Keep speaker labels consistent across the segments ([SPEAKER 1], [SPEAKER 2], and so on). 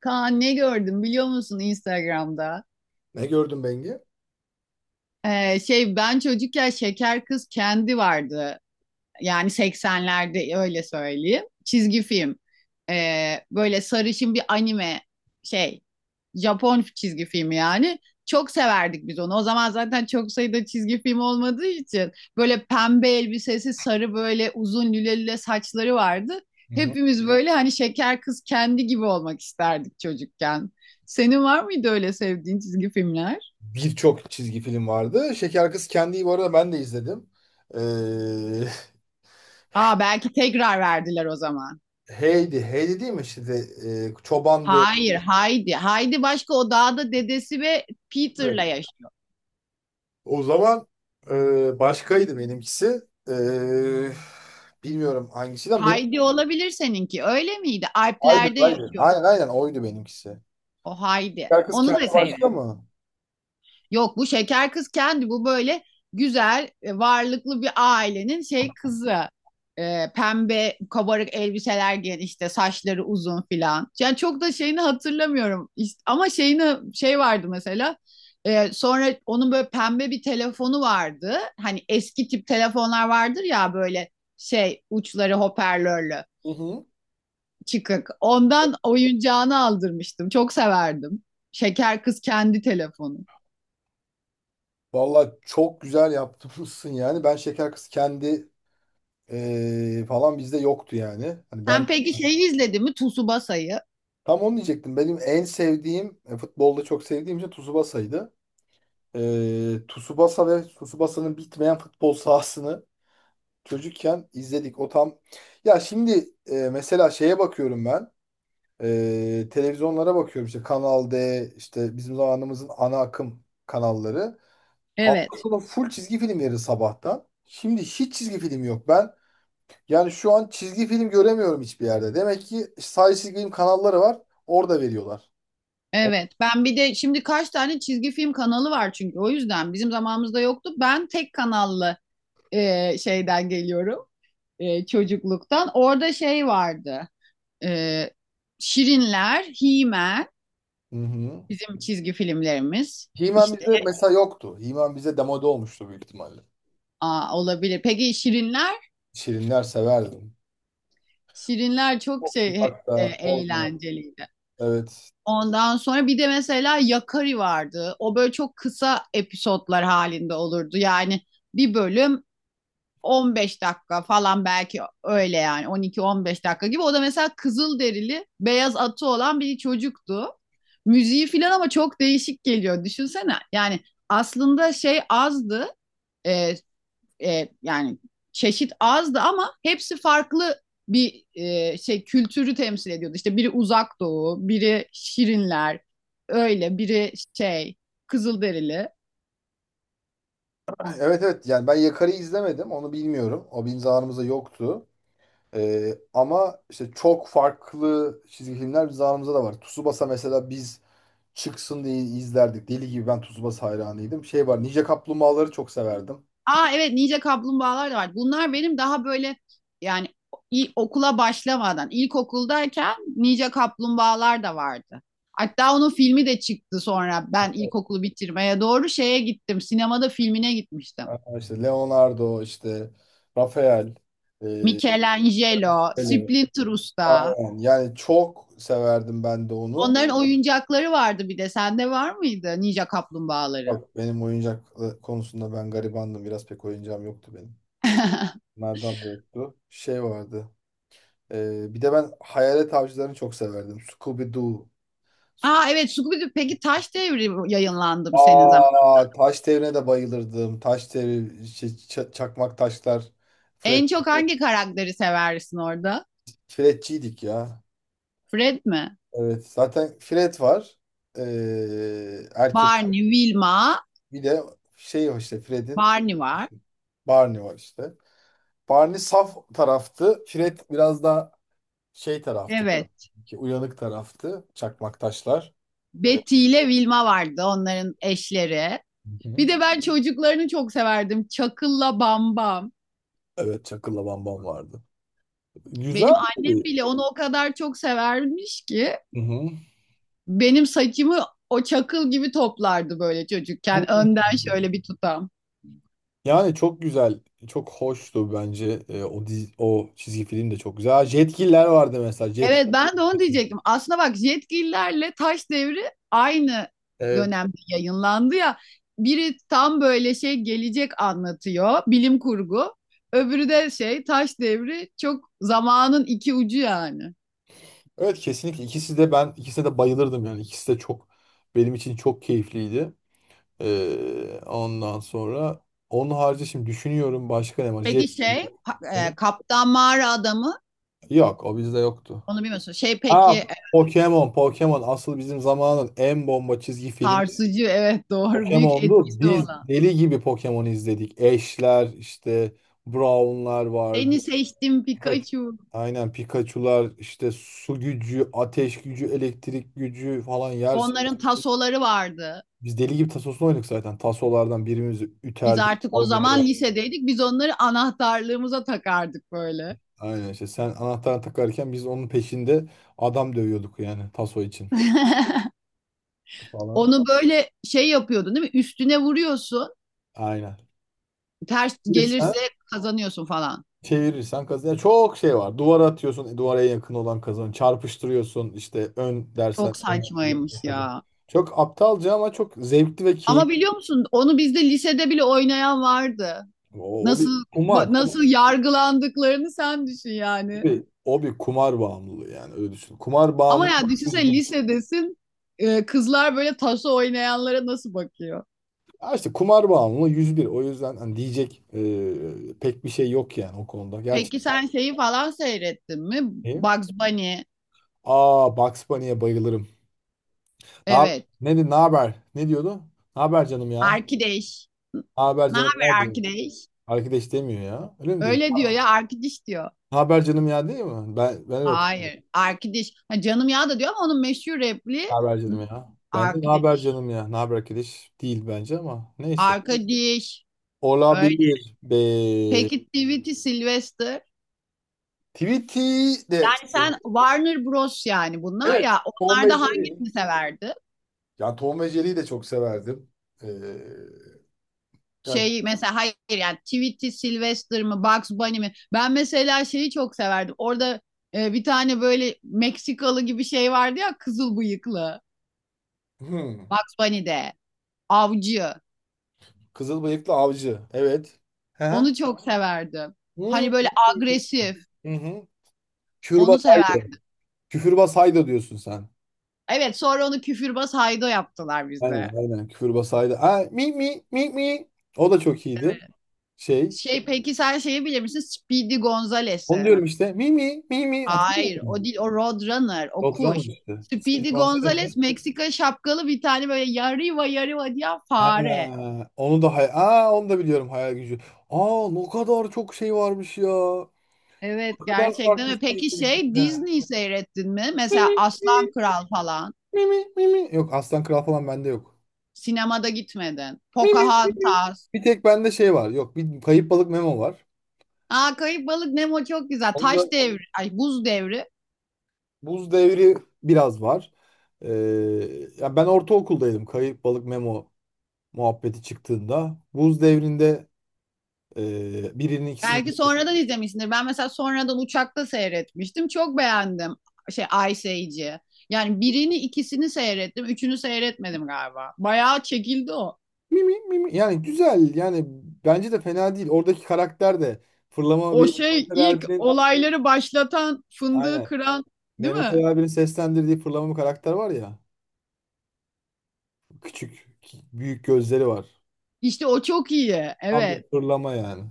[SPEAKER 1] Kaan ne gördüm biliyor musun Instagram'da?
[SPEAKER 2] Ne gördün Bengi?
[SPEAKER 1] Ben çocukken Şeker Kız Kendi vardı, yani 80'lerde öyle söyleyeyim. Çizgi film. Böyle sarışın bir anime şey Japon çizgi filmi yani. Çok severdik biz onu. O zaman zaten çok sayıda çizgi film olmadığı için böyle pembe elbisesi, sarı böyle uzun lüle lüle saçları vardı.
[SPEAKER 2] Hı hı.
[SPEAKER 1] Hepimiz böyle hani şeker kız kendi gibi olmak isterdik çocukken. Senin var mıydı öyle sevdiğin çizgi filmler?
[SPEAKER 2] Birçok çizgi film vardı. Şeker Kız Kendi'yi bu arada ben de izledim. Ee,
[SPEAKER 1] Aa, belki tekrar verdiler o zaman.
[SPEAKER 2] Heidi. Heidi değil mi? Çobandı.
[SPEAKER 1] Hayır, Heidi. Heidi başka, o dağda dedesi ve
[SPEAKER 2] Evet.
[SPEAKER 1] Peter'la yaşıyor.
[SPEAKER 2] O zaman başkaydı benimkisi. Ee, Bilmiyorum hangisinden.
[SPEAKER 1] Heidi olabilir seninki. Öyle miydi?
[SPEAKER 2] Aynen,
[SPEAKER 1] Alplerde
[SPEAKER 2] aynen.
[SPEAKER 1] yaşıyor
[SPEAKER 2] Aynen oydu benimkisi.
[SPEAKER 1] o Heidi.
[SPEAKER 2] Şeker Kız
[SPEAKER 1] Onu da
[SPEAKER 2] Kendi başka
[SPEAKER 1] seyret.
[SPEAKER 2] mı?
[SPEAKER 1] Yok, bu şeker kız kendi bu böyle güzel, varlıklı bir ailenin kızı. Pembe kabarık elbiseler giyen, işte saçları uzun filan. Yani çok da şeyini hatırlamıyorum. Ama şeyini şey vardı mesela. Sonra onun böyle pembe bir telefonu vardı. Hani eski tip telefonlar vardır ya böyle uçları hoparlörlü
[SPEAKER 2] Hı hı.
[SPEAKER 1] çıkık. Ondan oyuncağını aldırmıştım. Çok severdim. Şeker kız kendi telefonu.
[SPEAKER 2] Valla çok güzel yaptırmışsın yani. Ben şeker kız kendi falan bizde yoktu yani. Hani
[SPEAKER 1] Sen
[SPEAKER 2] ben
[SPEAKER 1] peki şeyi izledin mi? Tsubasa'yı.
[SPEAKER 2] tam onu diyecektim. Benim en sevdiğim futbolda çok sevdiğim şey Tsubasa'ydı. Tsubasa ve Tsubasa'nın bitmeyen futbol sahasını çocukken izledik. O tam. Ya şimdi mesela şeye bakıyorum ben. Televizyonlara bakıyorum işte, Kanal D, işte bizim zamanımızın ana akım kanalları. Hafta
[SPEAKER 1] Evet.
[SPEAKER 2] sonu full çizgi film verir sabahtan. Şimdi hiç çizgi film yok. Ben yani şu an çizgi film göremiyorum hiçbir yerde. Demek ki sadece çizgi film kanalları var. Orada veriyorlar. O-
[SPEAKER 1] Evet. Ben bir de şimdi kaç tane çizgi film kanalı var, çünkü o yüzden bizim zamanımızda yoktu. Ben tek kanallı şeyden geliyorum. Çocukluktan. Orada şey vardı. E, Şirinler, He-Man
[SPEAKER 2] Hı hı.
[SPEAKER 1] bizim çizgi filmlerimiz.
[SPEAKER 2] He-Man
[SPEAKER 1] İşte.
[SPEAKER 2] bizde mesela yoktu. He-Man bize demode olmuştu büyük ihtimalle.
[SPEAKER 1] Aa, olabilir. Peki Şirinler?
[SPEAKER 2] Şirinler severdim.
[SPEAKER 1] Şirinler çok
[SPEAKER 2] Çok uzakta, orada.
[SPEAKER 1] eğlenceliydi.
[SPEAKER 2] Evet.
[SPEAKER 1] Ondan sonra bir de mesela Yakari vardı. O böyle çok kısa episodlar halinde olurdu. Yani bir bölüm 15 dakika falan, belki öyle yani 12-15 dakika gibi. O da mesela kızıl derili, beyaz atı olan bir çocuktu. Müziği falan ama çok değişik geliyor. Düşünsene. Yani aslında şey azdı. E, Yani çeşit azdı ama hepsi farklı bir kültürü temsil ediyordu. İşte biri Uzak Doğu, biri Şirinler, öyle biri şey Kızılderili.
[SPEAKER 2] Evet evet, yani ben Yakar'ı izlemedim, onu bilmiyorum. O bizim zamanımızda yoktu. Ama işte çok farklı çizgi filmler bizim zamanımızda da var. Tsubasa mesela biz çıksın diye izlerdik. Deli gibi ben Tsubasa hayranıydım. Şey var, Ninja Kaplumbağaları çok severdim.
[SPEAKER 1] Aa evet, Ninja Kaplumbağalar da vardı. Bunlar benim daha böyle, yani okula başlamadan, ilkokuldayken Ninja Kaplumbağalar da vardı. Hatta onun filmi de çıktı, sonra ben ilkokulu bitirmeye doğru şeye gittim. Sinemada filmine gitmiştim.
[SPEAKER 2] Aa, İşte Leonardo, işte Rafael. E,
[SPEAKER 1] Michelangelo,
[SPEAKER 2] hello.
[SPEAKER 1] Splinter Usta.
[SPEAKER 2] Aynen. Yani çok severdim ben de onu.
[SPEAKER 1] Onların oyuncakları vardı bir de. Sende var mıydı Ninja Kaplumbağaları?
[SPEAKER 2] Bak benim oyuncak konusunda ben garibandım. Biraz pek oyuncağım yoktu benim. Nereden de yoktu. Şey vardı. Bir de ben Hayalet Avcılarını çok severdim. Scooby-Doo.
[SPEAKER 1] Aa evet, Scooby-Doo. Peki Taş Devri yayınlandı mı senin zaman?
[SPEAKER 2] Aa, taş devrine de bayılırdım. Taş devri, şey, çakmak taşlar. Fred,
[SPEAKER 1] En çok hangi karakteri seversin orada?
[SPEAKER 2] Fredçiydik ya.
[SPEAKER 1] Fred mi?
[SPEAKER 2] Evet, zaten Fred var. Erkek
[SPEAKER 1] Barney, Wilma,
[SPEAKER 2] bir de şey var işte Fred'in,
[SPEAKER 1] Barney var.
[SPEAKER 2] Barney var işte. Barney saf taraftı. Fred biraz daha şey taraftı,
[SPEAKER 1] Evet.
[SPEAKER 2] böyle. Ki uyanık taraftı. Çakmak taşlar. Evet.
[SPEAKER 1] Betty ile Wilma vardı onların eşleri.
[SPEAKER 2] Hı hı.
[SPEAKER 1] Bir de ben çocuklarını çok severdim. Çakıl'la Bambam.
[SPEAKER 2] Evet, Çakıl'la Bambam vardı. Güzel.
[SPEAKER 1] Benim annem bile onu o kadar çok severmiş ki
[SPEAKER 2] Hı
[SPEAKER 1] benim saçımı o çakıl gibi toplardı böyle çocukken.
[SPEAKER 2] hı.
[SPEAKER 1] Önden şöyle bir tutam.
[SPEAKER 2] Yani çok güzel, çok hoştu bence. O dizi, o çizgi film de çok güzel. Ha, Jetgiller vardı mesela. Jet.
[SPEAKER 1] Evet, ben de onu diyecektim. Aslında bak, Jetgillerle Taş Devri aynı
[SPEAKER 2] Evet.
[SPEAKER 1] dönemde yayınlandı ya. Biri tam böyle şey, gelecek anlatıyor, bilim kurgu. Öbürü de şey Taş Devri, çok zamanın iki ucu yani.
[SPEAKER 2] Evet, kesinlikle ikisi de, ben ikisine de bayılırdım yani. İkisi de çok, benim için çok keyifliydi. Ondan sonra onun harici şimdi düşünüyorum başka ne var? Jet.
[SPEAKER 1] Peki şey Kaptan Mağara Adamı,
[SPEAKER 2] Yok, o bizde yoktu.
[SPEAKER 1] onu bilmiyorsun. Şey peki
[SPEAKER 2] Ha, Pokemon, Pokemon asıl bizim zamanın en bomba çizgi
[SPEAKER 1] sarsıcı, evet, doğru, büyük
[SPEAKER 2] Pokemon'du.
[SPEAKER 1] etkisi
[SPEAKER 2] Biz
[SPEAKER 1] olan.
[SPEAKER 2] deli gibi Pokemon izledik. Ash'ler işte Brown'lar vardı.
[SPEAKER 1] Seni seçtim
[SPEAKER 2] Pikachu.
[SPEAKER 1] Pikachu.
[SPEAKER 2] Aynen Pikachu'lar işte, su gücü, ateş gücü, elektrik gücü falan yer.
[SPEAKER 1] Onların tasoları vardı.
[SPEAKER 2] Biz deli gibi tasosunu oynadık zaten. Tasolardan birimizi
[SPEAKER 1] Biz
[SPEAKER 2] üterdik,
[SPEAKER 1] artık o
[SPEAKER 2] kavga
[SPEAKER 1] zaman
[SPEAKER 2] eder.
[SPEAKER 1] lisedeydik. Biz onları anahtarlığımıza takardık böyle.
[SPEAKER 2] Aynen işte, sen anahtarı takarken biz onun peşinde adam dövüyorduk yani, taso için falan.
[SPEAKER 1] Onu böyle şey yapıyordun değil mi? Üstüne vuruyorsun.
[SPEAKER 2] Aynen.
[SPEAKER 1] Ters
[SPEAKER 2] Bir sen?
[SPEAKER 1] gelirse kazanıyorsun falan.
[SPEAKER 2] Çevirirsen kazan. Yani çok şey var. Duvara atıyorsun. Duvara en yakın olan kazan. Çarpıştırıyorsun, işte ön dersen
[SPEAKER 1] Çok
[SPEAKER 2] ön
[SPEAKER 1] saçmaymış
[SPEAKER 2] kazan.
[SPEAKER 1] ya.
[SPEAKER 2] Çok aptalca ama çok zevkli ve
[SPEAKER 1] Ama
[SPEAKER 2] keyifli.
[SPEAKER 1] biliyor musun? Onu bizde lisede bile oynayan vardı.
[SPEAKER 2] O, o bir
[SPEAKER 1] Nasıl
[SPEAKER 2] kumar.
[SPEAKER 1] nasıl
[SPEAKER 2] Kumar.
[SPEAKER 1] yargılandıklarını sen düşün
[SPEAKER 2] O
[SPEAKER 1] yani.
[SPEAKER 2] bir, o bir kumar bağımlılığı yani, öyle düşün. Kumar
[SPEAKER 1] Ama
[SPEAKER 2] bağımlılığı
[SPEAKER 1] ya düşünsene,
[SPEAKER 2] 101.
[SPEAKER 1] lisedesin. Kızlar böyle taso oynayanlara nasıl bakıyor?
[SPEAKER 2] Ha işte, kumar bağımlılığı 101. O yüzden hani diyecek pek bir şey yok yani o konuda.
[SPEAKER 1] Peki
[SPEAKER 2] Gerçekten
[SPEAKER 1] sen şeyi falan seyrettin mi?
[SPEAKER 2] iyi.
[SPEAKER 1] Bugs Bunny.
[SPEAKER 2] Aa, Bugs Bunny'e bayılırım. Ne, yap-
[SPEAKER 1] Evet.
[SPEAKER 2] ne haber? Ne diyordu? Ne haber canım ya?
[SPEAKER 1] Arkadaş.
[SPEAKER 2] Ne haber
[SPEAKER 1] Ne
[SPEAKER 2] canım ya,
[SPEAKER 1] haber
[SPEAKER 2] diyor.
[SPEAKER 1] arkadaş?
[SPEAKER 2] Arkadaş demiyor ya. Öyle mi diyor?
[SPEAKER 1] Öyle diyor ya, arkadaş diyor.
[SPEAKER 2] Ne haber canım ya, değil mi? Ben öyle hatırlıyorum.
[SPEAKER 1] Hayır. Arkadaş. Ha, canım ya da diyor, ama onun meşhur repliği
[SPEAKER 2] Ne haber canım ya? Bence ne haber
[SPEAKER 1] arkadaş.
[SPEAKER 2] canım ya? Ne haber arkadaş değil bence, ama neyse.
[SPEAKER 1] Arkadaş. Öyle.
[SPEAKER 2] Olabilir be.
[SPEAKER 1] Peki Tweety Sylvester.
[SPEAKER 2] Tweety de
[SPEAKER 1] Yani sen Warner Bros yani, bunlar
[SPEAKER 2] evet,
[SPEAKER 1] ya.
[SPEAKER 2] Tom ve
[SPEAKER 1] Onlarda
[SPEAKER 2] Jerry.
[SPEAKER 1] hangisini severdi?
[SPEAKER 2] Yani Tom ve Jerry'yi de çok severdim. Ee, Yani,
[SPEAKER 1] Şey mesela, hayır yani Tweety Sylvester mı, Bugs Bunny mi? Ben mesela şeyi çok severdim. Orada bir tane böyle Meksikalı gibi şey vardı ya, kızıl bıyıklı.
[SPEAKER 2] hmm,
[SPEAKER 1] Bugs Bunny'de. Avcı.
[SPEAKER 2] kızıl bıyıklı avcı. Evet. Hı hı.
[SPEAKER 1] Onu çok severdim.
[SPEAKER 2] Hmm.
[SPEAKER 1] Hani böyle agresif.
[SPEAKER 2] Hı hı. Küfürbaz
[SPEAKER 1] Onu
[SPEAKER 2] Haydo.
[SPEAKER 1] severdim.
[SPEAKER 2] Küfürbaz Haydo diyorsun sen.
[SPEAKER 1] Evet, sonra onu küfürbaz Haydo yaptılar
[SPEAKER 2] Aynen
[SPEAKER 1] bize.
[SPEAKER 2] aynen, küfür basaydı. Ha, mi mi mi mi. O da çok iyiydi. Şey.
[SPEAKER 1] Şey peki sen şeyi bilir misin? Speedy
[SPEAKER 2] Onu
[SPEAKER 1] Gonzales'i.
[SPEAKER 2] diyorum işte. Mi mi mi mi. Hatırlıyor
[SPEAKER 1] Hayır,
[SPEAKER 2] musun?
[SPEAKER 1] o değil, o Roadrunner, o
[SPEAKER 2] Oturan
[SPEAKER 1] kuş.
[SPEAKER 2] işte. Speedy
[SPEAKER 1] Speedy
[SPEAKER 2] Gonzales.
[SPEAKER 1] Gonzales, Meksika şapkalı bir tane böyle yarıva yarıva diyen
[SPEAKER 2] Ha,
[SPEAKER 1] fare.
[SPEAKER 2] onu da hay, aa, onu da biliyorum, hayal gücü. Aa, ne kadar çok şey varmış ya.
[SPEAKER 1] Evet,
[SPEAKER 2] Ne kadar
[SPEAKER 1] gerçekten
[SPEAKER 2] farklı
[SPEAKER 1] öyle.
[SPEAKER 2] şey
[SPEAKER 1] Peki
[SPEAKER 2] var
[SPEAKER 1] şey
[SPEAKER 2] içinde.
[SPEAKER 1] Disney seyrettin mi?
[SPEAKER 2] Mi
[SPEAKER 1] Mesela
[SPEAKER 2] mi
[SPEAKER 1] Aslan Kral falan.
[SPEAKER 2] mi mi mi mi. Yok Aslan Kral falan bende yok.
[SPEAKER 1] Sinemada gitmedin.
[SPEAKER 2] Mi mi.
[SPEAKER 1] Pocahontas.
[SPEAKER 2] Bir tek bende şey var. Yok, bir kayıp balık Memo var.
[SPEAKER 1] Aa, Kayıp Balık Nemo çok güzel.
[SPEAKER 2] Onda
[SPEAKER 1] Taş devri, ay buz devri.
[SPEAKER 2] buz devri biraz var. Ee, Ya ben ortaokuldaydım. Kayıp balık Memo muhabbeti çıktığında buz devrinde birinin ikisi,
[SPEAKER 1] Belki sonradan izlemişsindir. Ben mesela sonradan uçakta seyretmiştim. Çok beğendim. Şey Ice Age'i. Yani birini ikisini seyrettim. Üçünü seyretmedim galiba. Bayağı çekildi o.
[SPEAKER 2] mimi mimi, yani güzel yani, bence de fena değil. Oradaki karakter de fırlama
[SPEAKER 1] O
[SPEAKER 2] bir,
[SPEAKER 1] şey,
[SPEAKER 2] Mehmet Ali
[SPEAKER 1] ilk
[SPEAKER 2] Erbil'in,
[SPEAKER 1] olayları başlatan, fındığı
[SPEAKER 2] aynen,
[SPEAKER 1] kıran değil
[SPEAKER 2] Mehmet Ali
[SPEAKER 1] mi?
[SPEAKER 2] Erbil'in seslendirdiği fırlama bir karakter var ya, küçük büyük gözleri var.
[SPEAKER 1] İşte o çok iyi.
[SPEAKER 2] Tam bir
[SPEAKER 1] Evet.
[SPEAKER 2] fırlama yani.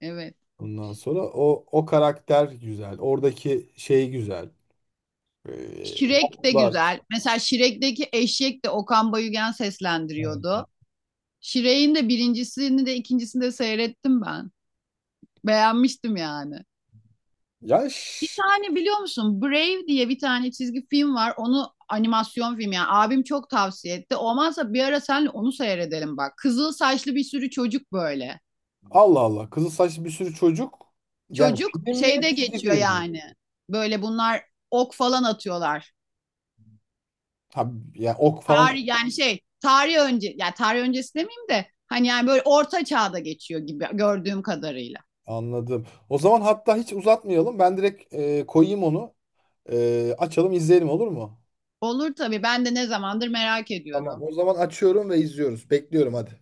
[SPEAKER 1] Evet.
[SPEAKER 2] Ondan sonra o, o karakter güzel. Oradaki şey güzel.
[SPEAKER 1] Şirek de
[SPEAKER 2] Laflar.
[SPEAKER 1] güzel. Mesela Şirek'teki eşek de Okan Bayülgen
[SPEAKER 2] Evet.
[SPEAKER 1] seslendiriyordu. Şirek'in de birincisini de ikincisini de seyrettim ben. Beğenmiştim yani.
[SPEAKER 2] Ya
[SPEAKER 1] Bir
[SPEAKER 2] ş-
[SPEAKER 1] tane biliyor musun? Brave diye bir tane çizgi film var. Onu animasyon film yani. Abim çok tavsiye etti. Olmazsa bir ara senle onu seyredelim bak. Kızıl saçlı bir sürü çocuk böyle.
[SPEAKER 2] Allah Allah. Kızıl saçlı bir sürü çocuk. Yani
[SPEAKER 1] Çocuk
[SPEAKER 2] film mi?
[SPEAKER 1] şeyde
[SPEAKER 2] Çizgi
[SPEAKER 1] geçiyor
[SPEAKER 2] film mi?
[SPEAKER 1] yani. Böyle bunlar ok falan atıyorlar.
[SPEAKER 2] Ha, ya ok falan
[SPEAKER 1] Tarih yani şey, tarih önce yani tarih öncesi demeyeyim de hani yani böyle orta çağda geçiyor gibi, gördüğüm kadarıyla.
[SPEAKER 2] anladım. O zaman hatta hiç uzatmayalım. Ben direkt koyayım onu. E, açalım izleyelim, olur mu?
[SPEAKER 1] Olur tabii, ben de ne zamandır merak
[SPEAKER 2] Tamam,
[SPEAKER 1] ediyordum.
[SPEAKER 2] o zaman açıyorum ve izliyoruz. Bekliyorum, hadi.